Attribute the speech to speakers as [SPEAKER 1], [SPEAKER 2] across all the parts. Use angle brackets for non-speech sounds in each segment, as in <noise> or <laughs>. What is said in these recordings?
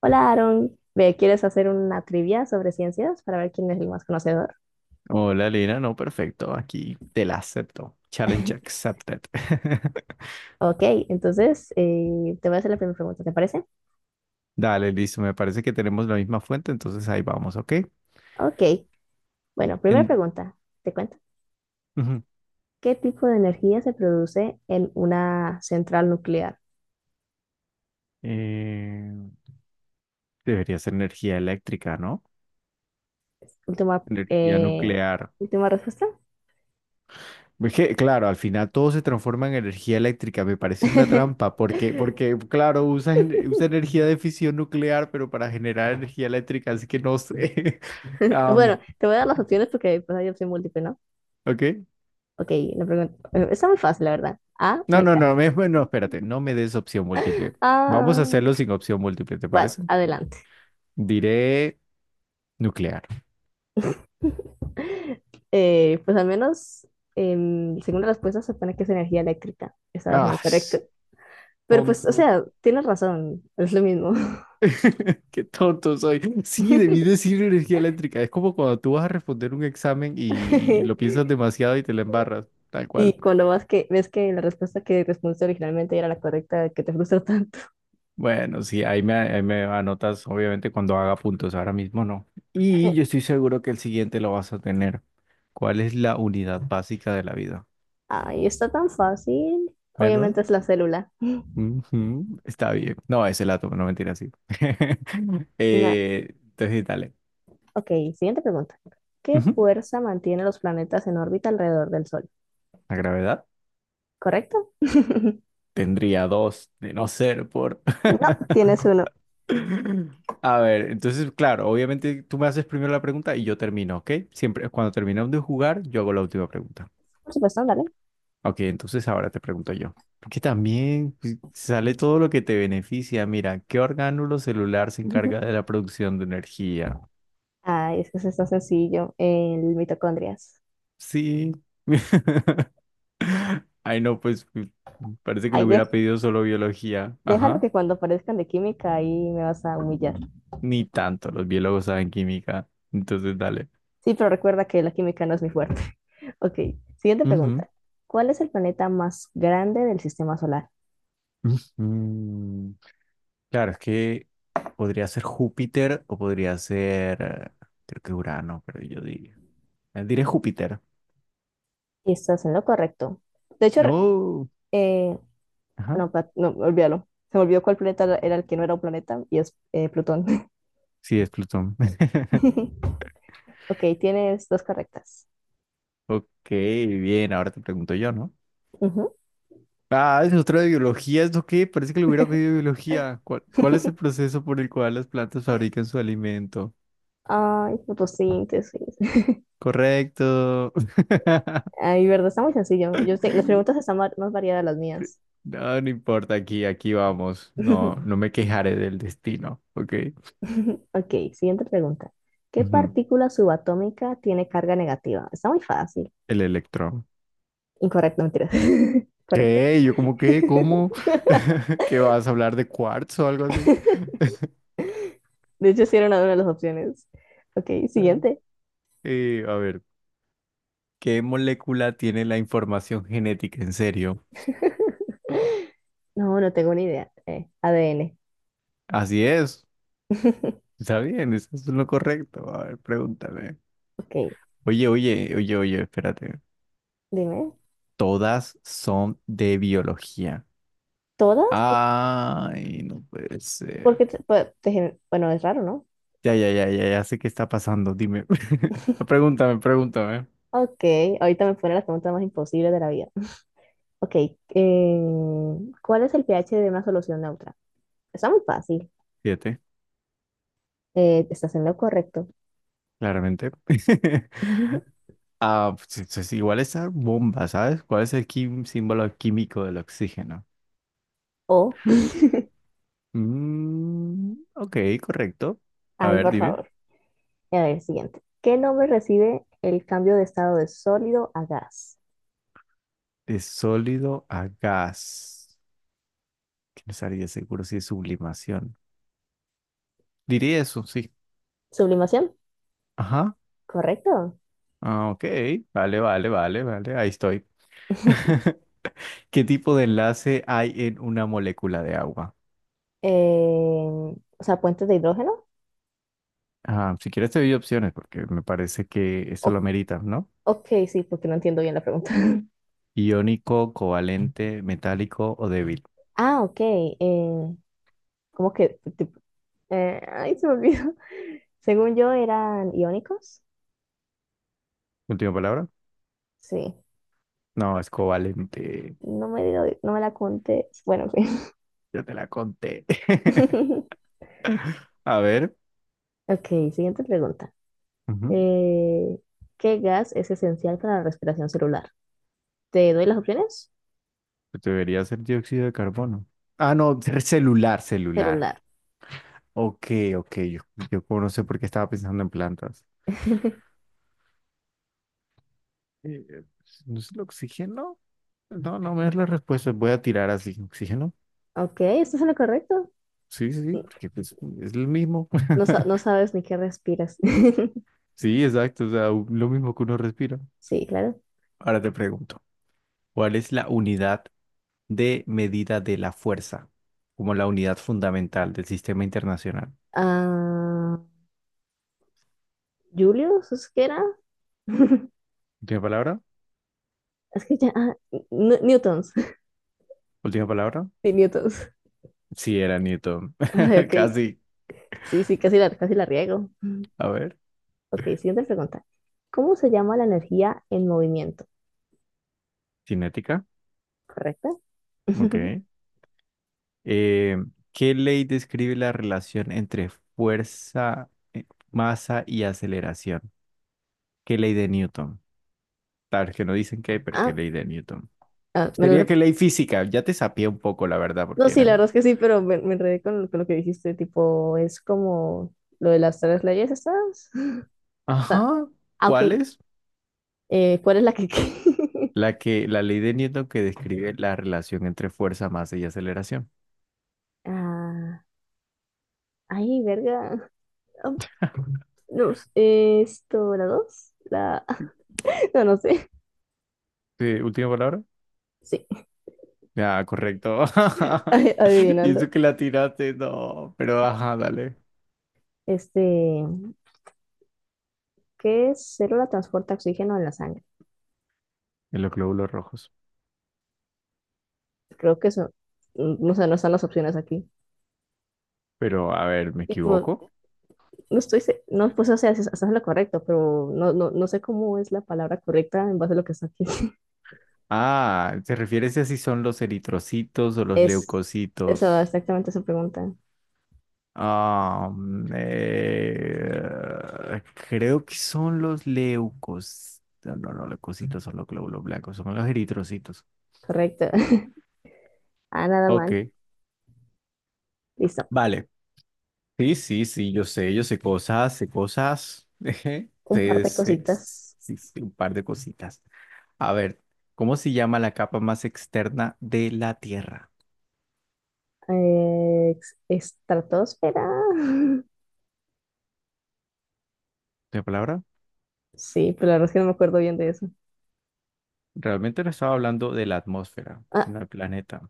[SPEAKER 1] Hola, Aaron. Ve, ¿quieres hacer una trivia sobre ciencias para ver quién es el más conocedor?
[SPEAKER 2] Hola, Lina. No, perfecto. Aquí te la acepto. Challenge
[SPEAKER 1] <laughs>
[SPEAKER 2] accepted. <laughs>
[SPEAKER 1] Ok, entonces te voy a hacer la primera pregunta, ¿te parece?
[SPEAKER 2] Dale, listo. Me parece que tenemos la misma fuente, entonces ahí vamos, ¿ok?
[SPEAKER 1] Ok, bueno, primera
[SPEAKER 2] En,
[SPEAKER 1] pregunta, te cuento.
[SPEAKER 2] ujú.
[SPEAKER 1] ¿Qué tipo de energía se produce en una central nuclear?
[SPEAKER 2] Eh, Debería ser energía eléctrica, ¿no?
[SPEAKER 1] Última,
[SPEAKER 2] Energía
[SPEAKER 1] eh,
[SPEAKER 2] nuclear.
[SPEAKER 1] última respuesta.
[SPEAKER 2] Es que, claro, al final todo se transforma en energía eléctrica. Me parece una
[SPEAKER 1] <laughs>
[SPEAKER 2] trampa, porque claro, usa energía de fisión nuclear, pero para generar energía eléctrica, así que no sé. <laughs>
[SPEAKER 1] Bueno,
[SPEAKER 2] Am,
[SPEAKER 1] te voy a dar las opciones porque pues, hay opción múltiple, ¿no?
[SPEAKER 2] ¿ok?
[SPEAKER 1] Ok, la pregunta. Bueno, está muy fácil, la verdad. A,
[SPEAKER 2] No, no,
[SPEAKER 1] meca.
[SPEAKER 2] no, me- no, espérate, no me des opción múltiple. Vamos a
[SPEAKER 1] Ah,
[SPEAKER 2] hacerlo sin opción múltiple, ¿te
[SPEAKER 1] bueno,
[SPEAKER 2] parece?
[SPEAKER 1] adelante.
[SPEAKER 2] Diré nuclear.
[SPEAKER 1] <laughs> Pues al menos, según la respuesta, se supone que es energía eléctrica. Estabas en
[SPEAKER 2] Ah,
[SPEAKER 1] lo correcto.
[SPEAKER 2] s-
[SPEAKER 1] Pero pues, o
[SPEAKER 2] tonto
[SPEAKER 1] sea,
[SPEAKER 2] soy.
[SPEAKER 1] tienes razón, es lo mismo.
[SPEAKER 2] <laughs> Qué tonto soy. Sí, debí
[SPEAKER 1] <laughs>
[SPEAKER 2] decir energía eléctrica. Es como cuando tú vas a responder un examen y lo piensas demasiado y te la embarras, tal cual.
[SPEAKER 1] Y cuando ves que la respuesta que respondiste originalmente era la correcta, que te frustra tanto.
[SPEAKER 2] Bueno, sí, ahí me anotas, obviamente, cuando haga puntos. Ahora mismo no. Y yo
[SPEAKER 1] <laughs>
[SPEAKER 2] estoy seguro que el siguiente lo vas a tener. ¿Cuál es la unidad básica de la vida?
[SPEAKER 1] Ay, está tan fácil.
[SPEAKER 2] ¿Verdad?
[SPEAKER 1] Obviamente es la célula.
[SPEAKER 2] Ujú, está bien. No, ese la tomo, no mentira, sí. <laughs>
[SPEAKER 1] Na-
[SPEAKER 2] Entonces, dale.
[SPEAKER 1] Ok, siguiente pregunta. ¿Qué
[SPEAKER 2] Ujú,
[SPEAKER 1] fuerza mantiene los planetas en órbita alrededor del Sol?
[SPEAKER 2] la gravedad
[SPEAKER 1] ¿Correcto? <laughs>
[SPEAKER 2] tendría dos de no ser por.
[SPEAKER 1] No, tienes uno.
[SPEAKER 2] <laughs> A ver, entonces, claro, obviamente tú me haces primero la pregunta y yo termino, ¿ok? Siempre, cuando terminamos de jugar, yo hago la última pregunta.
[SPEAKER 1] Por supuesto, dale.
[SPEAKER 2] Ok, entonces ahora te pregunto yo. Porque también pues, sale todo lo que te beneficia. Mira, ¿qué orgánulo celular se encarga
[SPEAKER 1] <laughs>
[SPEAKER 2] de la producción de energía?
[SPEAKER 1] Ah, es que eso está sencillo, el mitocondrias.
[SPEAKER 2] Sí. <laughs> Ay, no, pues parece que
[SPEAKER 1] Ahí
[SPEAKER 2] le
[SPEAKER 1] de-
[SPEAKER 2] hubiera pedido solo biología.
[SPEAKER 1] Déjalo
[SPEAKER 2] Ajá.
[SPEAKER 1] que cuando aparezcan de química ahí me vas a humillar.
[SPEAKER 2] Ni tanto, los biólogos saben química. Entonces, dale.
[SPEAKER 1] Sí, pero recuerda que la química no es mi fuerte. <laughs> Ok, siguiente
[SPEAKER 2] Ujú.
[SPEAKER 1] pregunta. ¿Cuál es el planeta más grande del sistema solar?
[SPEAKER 2] Ujú. Claro, es que podría ser Júpiter o podría ser, creo que Urano, pero yo diría. Diré Júpiter.
[SPEAKER 1] Estás en lo correcto. ¿No?
[SPEAKER 2] Oh,
[SPEAKER 1] eh,
[SPEAKER 2] ajá.
[SPEAKER 1] no, olvídalo. Se me olvidó cuál planeta era el que no era un planeta y es Plutón.
[SPEAKER 2] Sí, es Plutón. <laughs>
[SPEAKER 1] <laughs> Ok, tienes dos correctas.
[SPEAKER 2] Ok, bien, ahora te pregunto yo, ¿no?
[SPEAKER 1] Ujú.
[SPEAKER 2] Ah, es otra de biología, ¿esto qué? Parece que le hubiera pedido biología. ¿Cuál es el proceso por el cual las plantas fabrican su alimento?
[SPEAKER 1] <laughs> Ay, fotosíntesis.
[SPEAKER 2] Correcto. <laughs>
[SPEAKER 1] Ay, verdad, está muy sencillo. Yo sé, las preguntas más variadas las mías.
[SPEAKER 2] No, no importa, aquí vamos. No, no
[SPEAKER 1] <laughs>
[SPEAKER 2] me quejaré del destino, ¿ok?
[SPEAKER 1] Ok, siguiente pregunta. ¿Qué
[SPEAKER 2] Ujú,
[SPEAKER 1] partícula subatómica tiene carga negativa? Está muy fácil.
[SPEAKER 2] el electrón.
[SPEAKER 1] Incorrecto, mentira. <laughs> Correcto.
[SPEAKER 2] ¿Qué? ¿Yo como qué? ¿Cómo?
[SPEAKER 1] <laughs>
[SPEAKER 2] <laughs> ¿Qué vas a hablar de cuarzo o algo así?
[SPEAKER 1] De hecho, sí era una de las opciones. Ok,
[SPEAKER 2] Ah.
[SPEAKER 1] siguiente.
[SPEAKER 2] A ver, ¿qué molécula tiene la información genética? En serio.
[SPEAKER 1] <laughs> No, no tengo ni idea. ADN.
[SPEAKER 2] Así es.
[SPEAKER 1] <laughs>
[SPEAKER 2] Está bien, eso es lo correcto. A ver, pregúntame.
[SPEAKER 1] Ok,
[SPEAKER 2] Oye, espérate.
[SPEAKER 1] dime.
[SPEAKER 2] Todas son de biología.
[SPEAKER 1] ¿Todas?
[SPEAKER 2] Ay, no puede ser.
[SPEAKER 1] Porque, pues, bueno, es raro, ¿no?
[SPEAKER 2] Ya sé qué está pasando. Dime. <laughs> Pregúntame.
[SPEAKER 1] Ok, ahorita me pone las preguntas más imposibles de la vida. Ok, eh, ¿cuál es el pH de una solución neutra? Está muy fácil.
[SPEAKER 2] Siete,
[SPEAKER 1] Estás en lo correcto.
[SPEAKER 2] claramente. <laughs>
[SPEAKER 1] <laughs>
[SPEAKER 2] Ah, pues, es igual esa bomba, ¿sabes? ¿Cuál es el símbolo químico del oxígeno?
[SPEAKER 1] O,
[SPEAKER 2] Mm, ok, correcto. A
[SPEAKER 1] ay,
[SPEAKER 2] ver,
[SPEAKER 1] por
[SPEAKER 2] dime.
[SPEAKER 1] favor. A ver, siguiente. ¿Qué nombre recibe el cambio de estado de sólido a gas?
[SPEAKER 2] De sólido a gas. Que no estaría seguro si es sublimación. Diría eso, sí.
[SPEAKER 1] Sublimación,
[SPEAKER 2] Ajá.
[SPEAKER 1] correcto.
[SPEAKER 2] Ah, ok. Vale. Ahí estoy.
[SPEAKER 1] <laughs>
[SPEAKER 2] <laughs> ¿Qué tipo de enlace hay en una molécula de agua?
[SPEAKER 1] Eh, o sea, puentes de hidrógeno.
[SPEAKER 2] Ah, si quieres te doy opciones porque me parece que esto
[SPEAKER 1] O-
[SPEAKER 2] lo amerita, ¿no?
[SPEAKER 1] ok, sí, porque no entiendo bien la pregunta. <laughs>
[SPEAKER 2] Iónico, covalente, metálico o débil.
[SPEAKER 1] Ah, ok. ¿Cómo que? Tipo, ay, se me olvidó. <laughs> Según yo, eran iónicos.
[SPEAKER 2] ¿Última palabra?
[SPEAKER 1] Sí.
[SPEAKER 2] No, es covalente.
[SPEAKER 1] No me la contes. Bueno, en fin.
[SPEAKER 2] Yo te la conté.
[SPEAKER 1] <laughs>
[SPEAKER 2] <laughs> A ver.
[SPEAKER 1] Ok, siguiente pregunta.
[SPEAKER 2] Ujú.
[SPEAKER 1] Eh, ¿Qué gas es esencial para la respiración celular? ¿Te doy las opciones?
[SPEAKER 2] Pues debería ser dióxido de carbono. Ah, no, celular.
[SPEAKER 1] Celular.
[SPEAKER 2] Ok, ok. Yo como no sé por qué estaba pensando en plantas.
[SPEAKER 1] <laughs>
[SPEAKER 2] Pues, ¿no es el oxígeno? No, no me das la respuesta. Voy a tirar así. ¿Oxígeno?
[SPEAKER 1] Ok, esto es lo correcto.
[SPEAKER 2] Sí, sí, sí, porque pues, es lo mismo.
[SPEAKER 1] No, no
[SPEAKER 2] <laughs>
[SPEAKER 1] sabes ni qué respiras. <laughs>
[SPEAKER 2] Sí, exacto, o sea, lo mismo que uno respira.
[SPEAKER 1] Sí, claro.
[SPEAKER 2] Ahora te pregunto, ¿cuál es la unidad de medida de la fuerza como la unidad fundamental del sistema internacional?
[SPEAKER 1] Ah, ¿Julius? ¿Es que era? <laughs>
[SPEAKER 2] Última palabra,
[SPEAKER 1] Es que ya. Newtons. <laughs>
[SPEAKER 2] última palabra.
[SPEAKER 1] Sí, Newtons.
[SPEAKER 2] Sí, era Newton.
[SPEAKER 1] Ay,
[SPEAKER 2] <laughs>
[SPEAKER 1] ok.
[SPEAKER 2] Casi.
[SPEAKER 1] Sí, casi la riego.
[SPEAKER 2] A ver,
[SPEAKER 1] Ok, siguiente pregunta. ¿Cómo se llama la energía en movimiento?
[SPEAKER 2] cinética.
[SPEAKER 1] ¿Correcto? <laughs>
[SPEAKER 2] Ok. Eh, ¿Qué ley describe la relación entre fuerza, masa y aceleración? ¿Qué ley de Newton? Tal vez que no dicen qué, pero ¿qué
[SPEAKER 1] Ah,
[SPEAKER 2] ley de Newton?
[SPEAKER 1] ah, me lo
[SPEAKER 2] Sería que
[SPEAKER 1] re-
[SPEAKER 2] ley física, ya te sapié un poco, la verdad,
[SPEAKER 1] No,
[SPEAKER 2] porque
[SPEAKER 1] sí, la
[SPEAKER 2] eran.
[SPEAKER 1] verdad es que sí, pero me enredé con lo que dijiste, tipo, es como lo de las tres leyes estas.
[SPEAKER 2] Ajá,
[SPEAKER 1] Ah,
[SPEAKER 2] ¿cuál
[SPEAKER 1] ok.
[SPEAKER 2] es?
[SPEAKER 1] ¿Cuál es la que... <laughs>
[SPEAKER 2] La ley de Newton que describe la relación entre fuerza, masa y aceleración.
[SPEAKER 1] Ah, ay, verga. Ah, no, esto, la dos, la... <laughs> No, no sé.
[SPEAKER 2] Sí, última palabra.
[SPEAKER 1] Sí,
[SPEAKER 2] Ya, correcto.
[SPEAKER 1] <laughs>
[SPEAKER 2] <laughs> Y eso
[SPEAKER 1] adivinando.
[SPEAKER 2] que la tiraste, no, pero ajá, dale.
[SPEAKER 1] Este, ¿qué célula transporta oxígeno en la sangre?
[SPEAKER 2] En los glóbulos rojos.
[SPEAKER 1] Creo que eso, mm, no sé, no están las opciones aquí.
[SPEAKER 2] Pero, a ver, ¿me
[SPEAKER 1] Tipo,
[SPEAKER 2] equivoco?
[SPEAKER 1] no, pues o sea, estás en lo correcto, pero no sé cómo es la palabra correcta en base a lo que está aquí. <laughs>
[SPEAKER 2] Ah, ¿te refieres a si son los eritrocitos o los
[SPEAKER 1] Es, eso,
[SPEAKER 2] leucocitos?
[SPEAKER 1] exactamente esa pregunta.
[SPEAKER 2] Am, eh, Creo que son los leucos. No, no, no, leucocitos son los glóbulos blancos, son los eritrocitos.
[SPEAKER 1] Correcto. <laughs> Ah, nada
[SPEAKER 2] Ok,
[SPEAKER 1] mal. Listo.
[SPEAKER 2] vale. Sí, sí, sí, yo sé cosas, sé cosas. <laughs>
[SPEAKER 1] Un par
[SPEAKER 2] Sé,
[SPEAKER 1] de
[SPEAKER 2] sé, sé,
[SPEAKER 1] cositas.
[SPEAKER 2] sí, sí, un par de cositas. A ver, ¿cómo se llama la capa más externa de la Tierra?
[SPEAKER 1] Estratosfera. <laughs>
[SPEAKER 2] ¿De palabra?
[SPEAKER 1] Sí, pero la verdad es que no me acuerdo bien de eso.
[SPEAKER 2] Realmente no estaba hablando de la atmósfera,
[SPEAKER 1] Ah,
[SPEAKER 2] sino del planeta.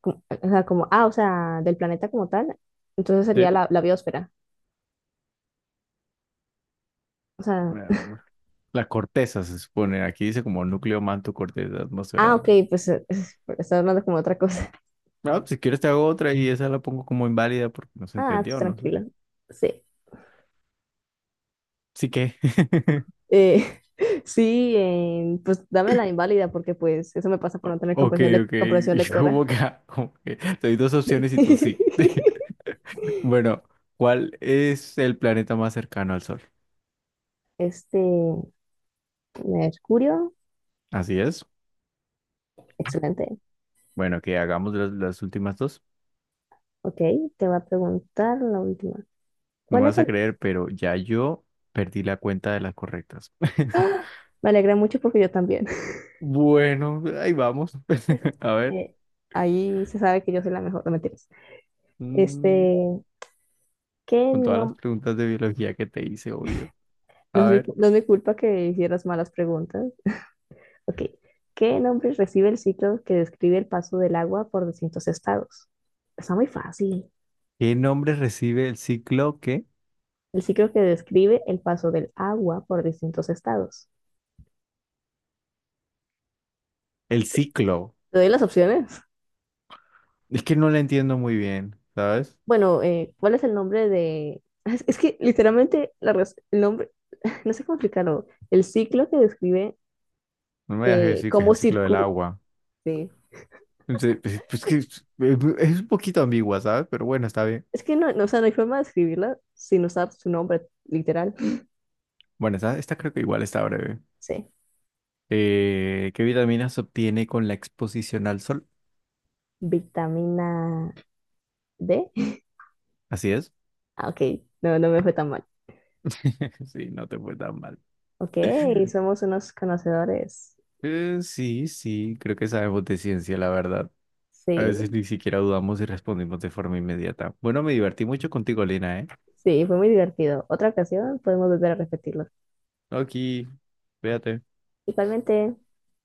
[SPEAKER 1] como, o sea, como, ah, o sea, del planeta como tal. Entonces sería
[SPEAKER 2] Sí.
[SPEAKER 1] la biosfera. O sea,
[SPEAKER 2] La corteza se supone. Aquí dice como núcleo, manto, corteza
[SPEAKER 1] ah,
[SPEAKER 2] atmosfera.
[SPEAKER 1] ok,
[SPEAKER 2] ¿No?
[SPEAKER 1] pues <laughs> estaba hablando como de otra cosa. <laughs>
[SPEAKER 2] Ah, pues, si quieres te hago otra y esa la pongo como inválida porque no se
[SPEAKER 1] Ah, tú
[SPEAKER 2] entendió, no sé.
[SPEAKER 1] tranquila. Sí.
[SPEAKER 2] Sí que. <laughs>
[SPEAKER 1] Eh, <laughs> sí, pues dame la inválida porque pues eso me pasa por no tener
[SPEAKER 2] Ok, ok. <laughs>
[SPEAKER 1] comprensión
[SPEAKER 2] Y como
[SPEAKER 1] lectora.
[SPEAKER 2] que, ah, como que te doy dos
[SPEAKER 1] Sí.
[SPEAKER 2] opciones y tú sí.
[SPEAKER 1] <laughs>
[SPEAKER 2] <laughs> Bueno, ¿cuál es el planeta más cercano al Sol?
[SPEAKER 1] Este, Mercurio,
[SPEAKER 2] Así es.
[SPEAKER 1] excelente.
[SPEAKER 2] Bueno, que hagamos las últimas dos.
[SPEAKER 1] Ok, te va a preguntar la última.
[SPEAKER 2] No me
[SPEAKER 1] ¿Cuál es
[SPEAKER 2] vas a
[SPEAKER 1] el...
[SPEAKER 2] creer, pero ya yo perdí la cuenta de las correctas. <laughs>
[SPEAKER 1] ¡Ah! Me alegra mucho porque yo también. <laughs>
[SPEAKER 2] Bueno, ahí vamos. <laughs> A ver.
[SPEAKER 1] Eh, ahí se sabe que yo soy la mejor, no mentiras.
[SPEAKER 2] Mm,
[SPEAKER 1] Este, que
[SPEAKER 2] con todas las
[SPEAKER 1] no,
[SPEAKER 2] preguntas de biología que te hice, obvio. A ver,
[SPEAKER 1] no es mi culpa que hicieras malas preguntas. Ok. ¿Qué nombre recibe el ciclo que describe el paso del agua por distintos estados? Está muy fácil.
[SPEAKER 2] ¿qué nombre recibe el ciclo qué?
[SPEAKER 1] El ciclo que describe el paso del agua por distintos estados.
[SPEAKER 2] El ciclo.
[SPEAKER 1] ¿Te doy las opciones?
[SPEAKER 2] Es que no lo entiendo muy bien, ¿sabes?
[SPEAKER 1] Bueno, ¿cuál es el nombre de...? Es que literalmente el nombre, <laughs> no sé cómo explicarlo, el ciclo que describe
[SPEAKER 2] No me dejes decir que es
[SPEAKER 1] cómo
[SPEAKER 2] el ciclo del
[SPEAKER 1] circula.
[SPEAKER 2] agua. Entonces, pues que es un poquito ambigua, ¿sabes? Pero bueno, está bien.
[SPEAKER 1] Es que no, o sea, no hay forma de escribirla sin usar su nombre literal.
[SPEAKER 2] Bueno, esta creo que igual está breve.
[SPEAKER 1] Sí.
[SPEAKER 2] ¿Qué vitaminas se obtiene con la exposición al sol?
[SPEAKER 1] Vitamina D.
[SPEAKER 2] Así es.
[SPEAKER 1] Ah, ok, no, no me fue tan mal.
[SPEAKER 2] <laughs> Sí, no te fue tan mal.
[SPEAKER 1] Ok, somos unos conocedores.
[SPEAKER 2] Sí, sí, creo que sabemos de ciencia, la verdad. A veces
[SPEAKER 1] Sí,
[SPEAKER 2] ni siquiera dudamos y respondimos de forma inmediata. Bueno, me divertí mucho contigo, Lina, ¿eh?
[SPEAKER 1] sí, fue muy divertido. Otra ocasión podemos volver a repetirlo.
[SPEAKER 2] No, aquí, véate.
[SPEAKER 1] Igualmente.